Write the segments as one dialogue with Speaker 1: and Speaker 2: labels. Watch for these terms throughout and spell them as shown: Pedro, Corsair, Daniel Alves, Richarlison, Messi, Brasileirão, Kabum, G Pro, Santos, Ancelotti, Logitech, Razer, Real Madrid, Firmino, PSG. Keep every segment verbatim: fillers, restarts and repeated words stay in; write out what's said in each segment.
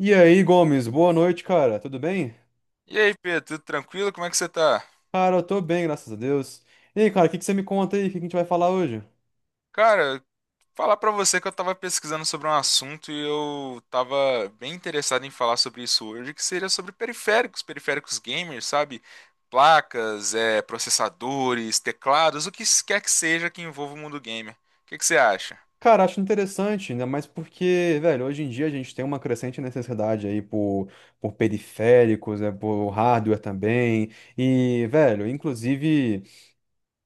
Speaker 1: E aí, Gomes, boa noite, cara. Tudo bem?
Speaker 2: E aí, Pedro, tudo tranquilo? Como é que você tá?
Speaker 1: Cara, eu tô bem, graças a Deus. E aí, cara, o que que você me conta aí? O que que a gente vai falar hoje?
Speaker 2: Cara, falar pra você que eu tava pesquisando sobre um assunto e eu tava bem interessado em falar sobre isso hoje, que seria sobre periféricos, periféricos gamers, sabe? Placas, eh, processadores, teclados, o que quer que seja que envolva o mundo gamer. O que que você acha?
Speaker 1: Cara, acho interessante, ainda mais porque, velho, hoje em dia a gente tem uma crescente necessidade aí por, por periféricos, né, por hardware também. E, velho, inclusive.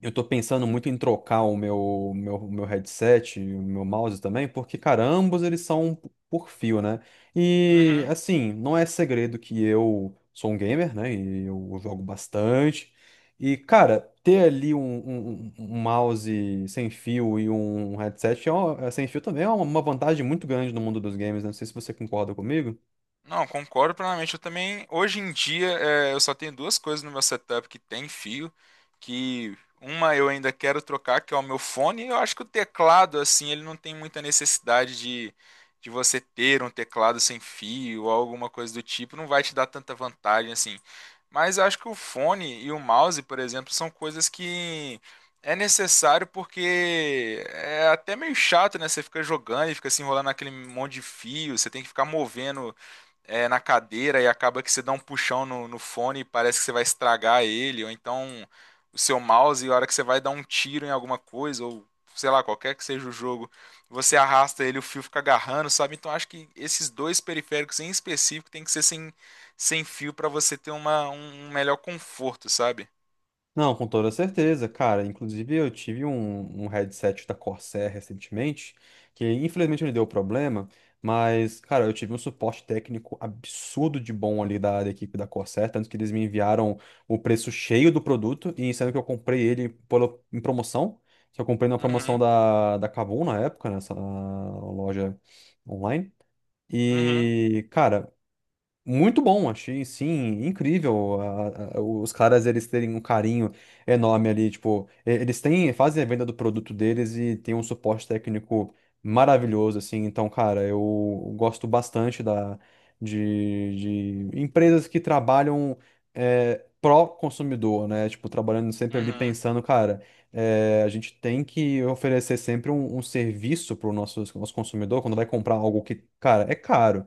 Speaker 1: Eu tô pensando muito em trocar o meu, meu, meu headset, e o meu mouse também, porque, cara, ambos eles são um p- por fio, né? E,
Speaker 2: Uhum.
Speaker 1: assim, não é segredo que eu sou um gamer, né? E eu jogo bastante. E, cara, ter ali um, um- um um mouse sem fio e um headset é uma- é sem fio também é uma vantagem muito grande no mundo dos games, né? Não sei se você concorda comigo.
Speaker 2: Não, concordo plenamente. Eu também, hoje em dia, é, eu só tenho duas coisas no meu setup que tem fio, que uma eu ainda quero trocar, que é o meu fone. Eu acho que o teclado, assim, ele não tem muita necessidade de, de você ter um teclado sem fio ou alguma coisa do tipo, não vai te dar tanta vantagem, assim. Mas eu acho que o fone e o mouse, por exemplo, são coisas que é necessário porque é até meio chato, né? Você fica jogando e fica se enrolando naquele monte de fio, você tem que ficar movendo é, na cadeira e acaba que você dá um puxão no, no fone e parece que você vai estragar ele, ou então o seu mouse, e a hora que você vai dar um tiro em alguma coisa, ou sei lá, qualquer que seja o jogo, você arrasta ele, o fio fica agarrando, sabe? Então acho que esses dois periféricos em específico tem que ser sem, sem fio para você ter uma, um um melhor conforto, sabe?
Speaker 1: Não, com toda certeza, cara. Inclusive, eu tive um, um headset da Corsair recentemente, que infelizmente ele deu problema, mas, cara, eu tive um suporte técnico absurdo de bom ali da, da equipe da Corsair, tanto que eles me enviaram o preço cheio do produto, e sendo que eu comprei ele pela- em promoção, que eu comprei na promoção
Speaker 2: Uhum,
Speaker 1: da, da Kabum na época, nessa loja online.
Speaker 2: uhum,
Speaker 1: E, cara, muito bom, achei, sim, incrível a- a- os caras eles terem um carinho enorme ali, tipo, e- eles têm, fazem a venda do produto deles e tem um suporte técnico maravilhoso, assim, então, cara, eu gosto bastante da, de, de empresas que trabalham é, pró-consumidor, né, tipo, trabalhando sempre ali
Speaker 2: uhum,
Speaker 1: pensando, cara, é, a gente tem que oferecer sempre um, um serviço para o nosso, nosso consumidor quando vai comprar algo que, cara, é caro.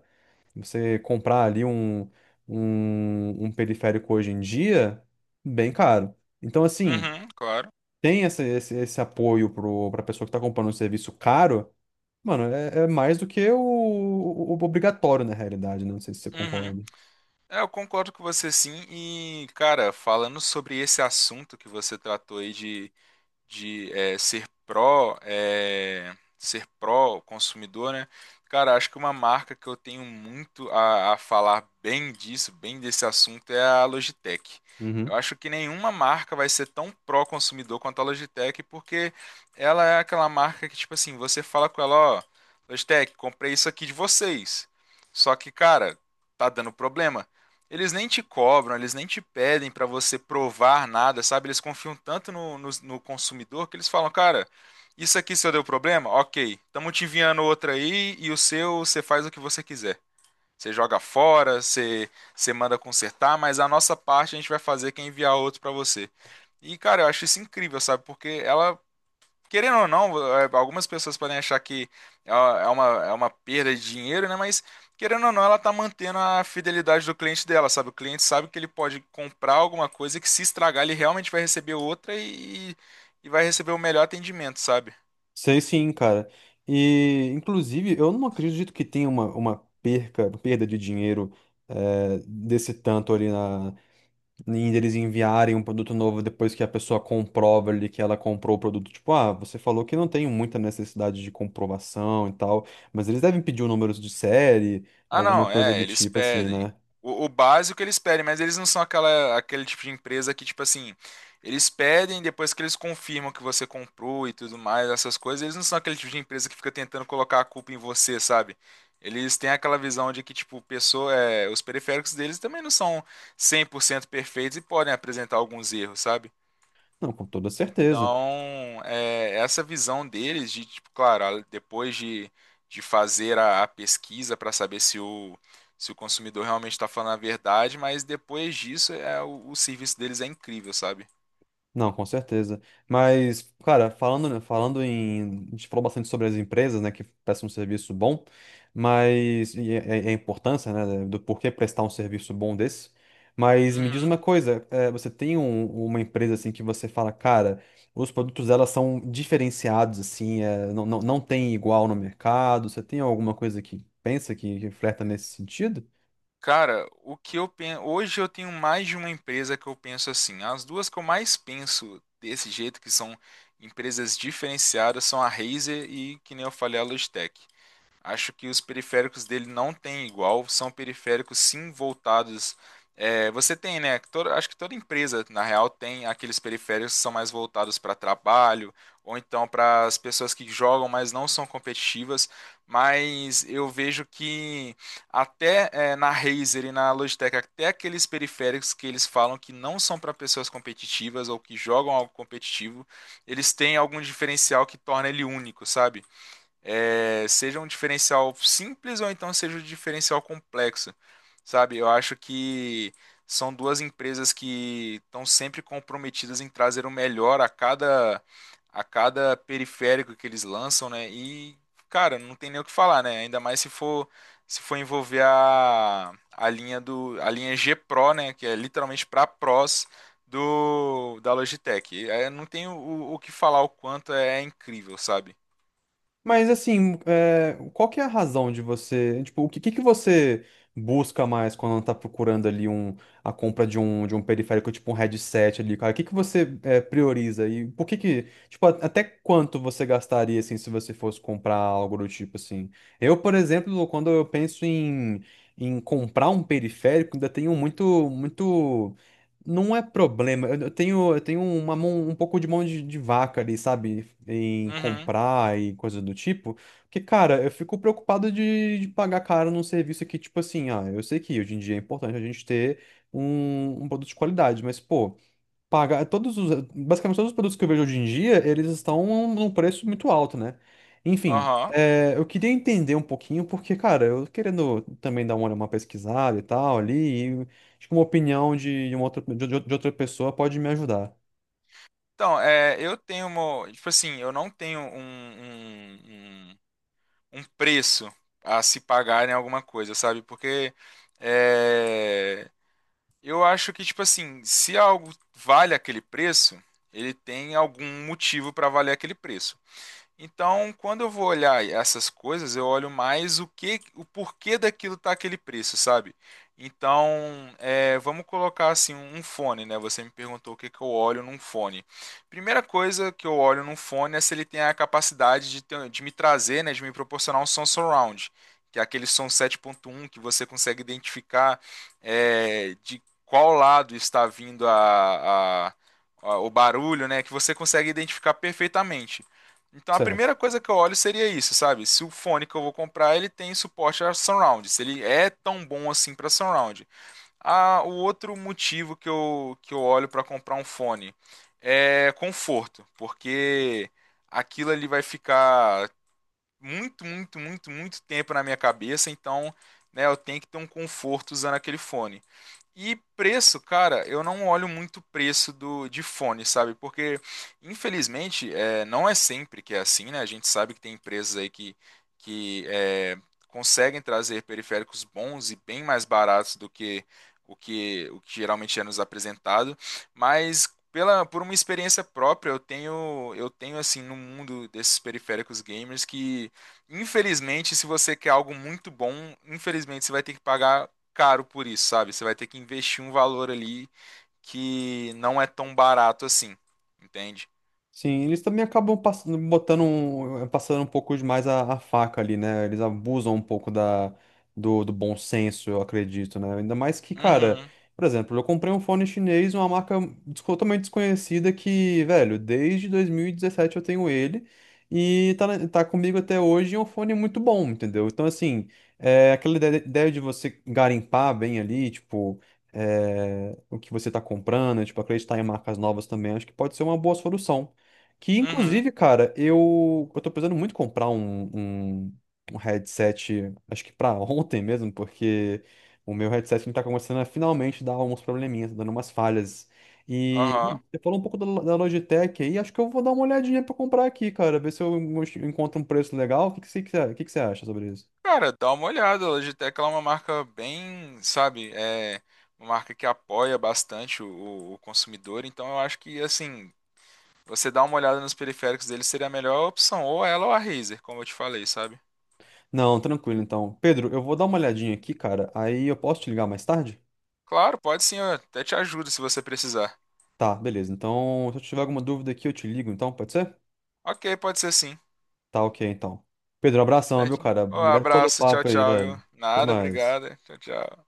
Speaker 1: Você comprar ali um, um, um periférico hoje em dia, bem caro. Então, assim,
Speaker 2: uhum, claro.
Speaker 1: tem essa- esse, esse apoio para a pessoa que está comprando um serviço caro, mano, é, é mais do que o, o- o obrigatório na realidade, né? Não sei se você
Speaker 2: Uhum.
Speaker 1: concorda.
Speaker 2: É, eu concordo com você sim. E, cara, falando sobre esse assunto que você tratou aí de de é, ser pró, é, ser pró consumidor, né? Cara, acho que uma marca que eu tenho muito a, a falar bem disso, bem desse assunto, é a Logitech. Eu
Speaker 1: Uhum.
Speaker 2: acho que nenhuma marca vai ser tão pró consumidor quanto a Logitech, porque ela é aquela marca que, tipo assim, você fala com ela, ó, Logitech, comprei isso aqui de vocês. Só que, cara, tá dando problema. Eles nem te cobram, eles nem te pedem para você provar nada, sabe? Eles confiam tanto no, no, no consumidor que eles falam, cara, isso aqui se eu deu problema, ok, estamos te enviando outra aí e o seu você faz o que você quiser. Você joga fora, você, você manda consertar, mas a nossa parte a gente vai fazer que é enviar outro para você. E, cara, eu acho isso incrível, sabe? Porque ela querendo ou não, é, algumas pessoas podem achar que é uma, é uma, é uma perda de dinheiro, né? Mas querendo ou não, ela tá mantendo a fidelidade do cliente dela, sabe? O cliente sabe que ele pode comprar alguma coisa que se estragar, ele realmente vai receber outra e, e vai receber o melhor atendimento, sabe?
Speaker 1: Sei sim, cara. E, inclusive, eu não acredito que tenha uma, uma perca, perda de dinheiro eh, desse tanto ali. E eles enviarem um produto novo depois que a pessoa comprova ali que ela comprou o produto. Tipo, ah, você falou que não tem muita necessidade de comprovação e tal, mas eles devem pedir o número de série,
Speaker 2: Ah,
Speaker 1: alguma
Speaker 2: não,
Speaker 1: coisa
Speaker 2: é,
Speaker 1: do
Speaker 2: eles
Speaker 1: tipo assim,
Speaker 2: pedem.
Speaker 1: né?
Speaker 2: O, o básico eles pedem, mas eles não são aquela, aquele tipo de empresa que, tipo assim, eles pedem depois que eles confirmam que você comprou e tudo mais, essas coisas, eles não são aquele tipo de empresa que fica tentando colocar a culpa em você, sabe? Eles têm aquela visão de que, tipo, pessoa, é, os periféricos deles também não são cem por cento perfeitos e podem apresentar alguns erros, sabe?
Speaker 1: Não, com toda certeza.
Speaker 2: Então, é, essa visão deles de, tipo, claro, a- depois de, de fazer a, a pesquisa para saber se o, se o consumidor realmente está falando a verdade, mas depois disso é, o, o serviço deles é incrível, sabe?
Speaker 1: Não, com certeza. Mas, cara, falando, falando em. A gente falou bastante sobre as empresas, né, que prestam um serviço bom, mas. E, e- e a importância, né, do porquê prestar um serviço bom desse. Mas me diz
Speaker 2: Uhum.
Speaker 1: uma coisa, eh, você tem um- uma empresa, assim, que você fala, cara, os produtos dela são diferenciados, assim, eh, não, não, não tem igual no mercado? Você tem alguma coisa que pensa que, que flerta nesse sentido?
Speaker 2: Cara, o que eu penso, hoje eu tenho mais de uma empresa que eu penso assim. As duas que eu mais penso desse jeito, que são empresas diferenciadas, são a Razer e, que nem eu falei, a Logitech. Acho que os periféricos dele não tem igual, são periféricos sim voltados. É, você tem, né? Toda- acho que toda empresa, na real, tem aqueles periféricos que são mais voltados para trabalho, ou então para as pessoas que jogam, mas não são competitivas. Mas eu vejo que até é, na Razer e na Logitech, até aqueles periféricos que eles falam que não são para pessoas competitivas ou que jogam algo competitivo, eles têm algum diferencial que torna ele único, sabe? É, seja um diferencial simples ou então seja um diferencial complexo, sabe? Eu acho que são duas empresas que estão sempre comprometidas em trazer o melhor a cada a cada periférico que eles lançam, né? E cara, não tem nem o que falar, né? Ainda mais se for se for envolver a, a linha do a linha G Pro, né? Que é literalmente para pros do da Logitech. É, não tem o, o que falar o quanto é incrível, sabe?
Speaker 1: Mas assim, é, qual que é a razão de você, tipo, o que, que que você busca mais quando tá procurando ali um, a compra de um, de um periférico, tipo um headset ali, cara? O que que você é, prioriza e por que que, tipo, a- até quanto você gastaria, assim, se você fosse comprar algo do tipo, assim? Eu, por exemplo, quando eu penso em, em comprar um periférico, ainda tenho muito, muito não é problema. Eu eu tenho, eu tenho uma mão, um pouco de mão de, de vaca ali, sabe? Em
Speaker 2: Uhum.
Speaker 1: comprar e coisa do tipo. Porque, cara, eu fico preocupado de, de pagar caro num serviço que, tipo assim, ah, eu sei que hoje em dia é importante a gente ter um, um produto de qualidade, mas, pô, pagar todos os, basicamente todos os produtos que eu vejo hoje em dia, eles estão num preço muito alto, né? Enfim,
Speaker 2: Aham.
Speaker 1: é, eu queria entender um pouquinho porque, cara, eu querendo também dar uma, uma pesquisada e tal ali, e acho que uma opinião de uma outra, de, de outra pessoa pode me ajudar,
Speaker 2: Então, é, eu tenho uma. Tipo assim, eu não tenho um, um, um, um preço a se pagar em alguma coisa, sabe? Porque é, eu acho que, tipo assim, se algo vale aquele preço, ele tem algum motivo para valer aquele preço. Então, quando eu vou olhar essas coisas, eu olho mais o que, o porquê daquilo tá aquele preço, sabe? Então, é, vamos colocar assim um um fone, né? Você me perguntou o que que eu olho num fone. Primeira coisa que eu olho num fone é se ele tem a capacidade de, ter- de me trazer, né? De me proporcionar um som surround, que é aquele som sete ponto um que você consegue identificar é, de qual lado está vindo a, a- a- o barulho, né? Que você consegue identificar perfeitamente. Então a
Speaker 1: certo?
Speaker 2: primeira coisa que eu olho seria isso, sabe? Se o fone que eu vou comprar ele tem suporte a surround, se ele é tão bom assim para surround. Ah, o outro motivo que eu, que eu olho para comprar um fone é conforto, porque aquilo ali vai ficar muito, muito, muito, muito tempo na minha cabeça, então, né, eu tenho que ter um conforto usando aquele fone. E preço, cara, eu não olho muito o preço do, de fone, sabe? Porque, infelizmente, é, não é sempre que é assim, né? A gente sabe que tem empresas aí que, que é, conseguem trazer periféricos bons e bem mais baratos do que o que, o que geralmente é nos apresentado, mas pela, por uma experiência própria, eu tenho, eu tenho assim, no mundo desses periféricos gamers que infelizmente, se você quer algo muito bom, infelizmente você vai ter que pagar caro por isso, sabe? Você vai ter que investir um valor ali que não é tão barato assim, entende?
Speaker 1: Sim, eles também acabam passando, botando um, passando um pouco demais a, a faca ali, né? Eles abusam um pouco da, do, do bom senso, eu acredito, né? Ainda mais que, cara,
Speaker 2: Uhum,
Speaker 1: por exemplo, eu comprei um fone chinês, uma marca des- totalmente desconhecida que, velho, desde dois mil e dezessete eu tenho ele e tá, na- tá comigo até hoje e é um fone muito bom, entendeu? Então, assim, é, aquela ide- ideia de você garimpar bem ali, tipo. É, o que você está comprando, tipo, acreditar em marcas novas também, acho que pode ser uma boa solução. Que
Speaker 2: uhum,
Speaker 1: inclusive, cara, eu, eu tô precisando muito comprar um, um, um headset, acho que pra ontem mesmo, porque o meu headset não tá começando a finalmente dar uns probleminhas, tá dando umas falhas. E, bom,
Speaker 2: aham.
Speaker 1: você falou um pouco da, da Logitech aí, acho que eu vou dar uma olhadinha pra comprar aqui, cara, ver se eu encontro um preço legal. O que que você, o que que você acha sobre isso?
Speaker 2: Cara, dá uma olhada, a Logitech ela é uma marca bem, sabe, é uma marca que apoia bastante o, o- o consumidor, então eu acho que, assim, você dar uma olhada nos periféricos dele seria a melhor opção, ou ela ou a Razer, como eu te falei, sabe?
Speaker 1: Não, tranquilo, então. Pedro, eu vou dar uma olhadinha aqui, cara, aí eu posso te ligar mais tarde?
Speaker 2: Claro, pode sim, eu até te ajudo se você precisar.
Speaker 1: Tá, beleza. Então, se eu tiver alguma dúvida aqui, eu te ligo, então, pode ser?
Speaker 2: Ok, pode ser sim.
Speaker 1: Tá ok, então. Pedro, abração, viu,
Speaker 2: Certinho.
Speaker 1: cara?
Speaker 2: Um
Speaker 1: Obrigado pelo
Speaker 2: abraço, tchau,
Speaker 1: papo aí,
Speaker 2: tchau, viu?
Speaker 1: velho. Até
Speaker 2: Nada,
Speaker 1: mais.
Speaker 2: obrigado. Tchau, tchau.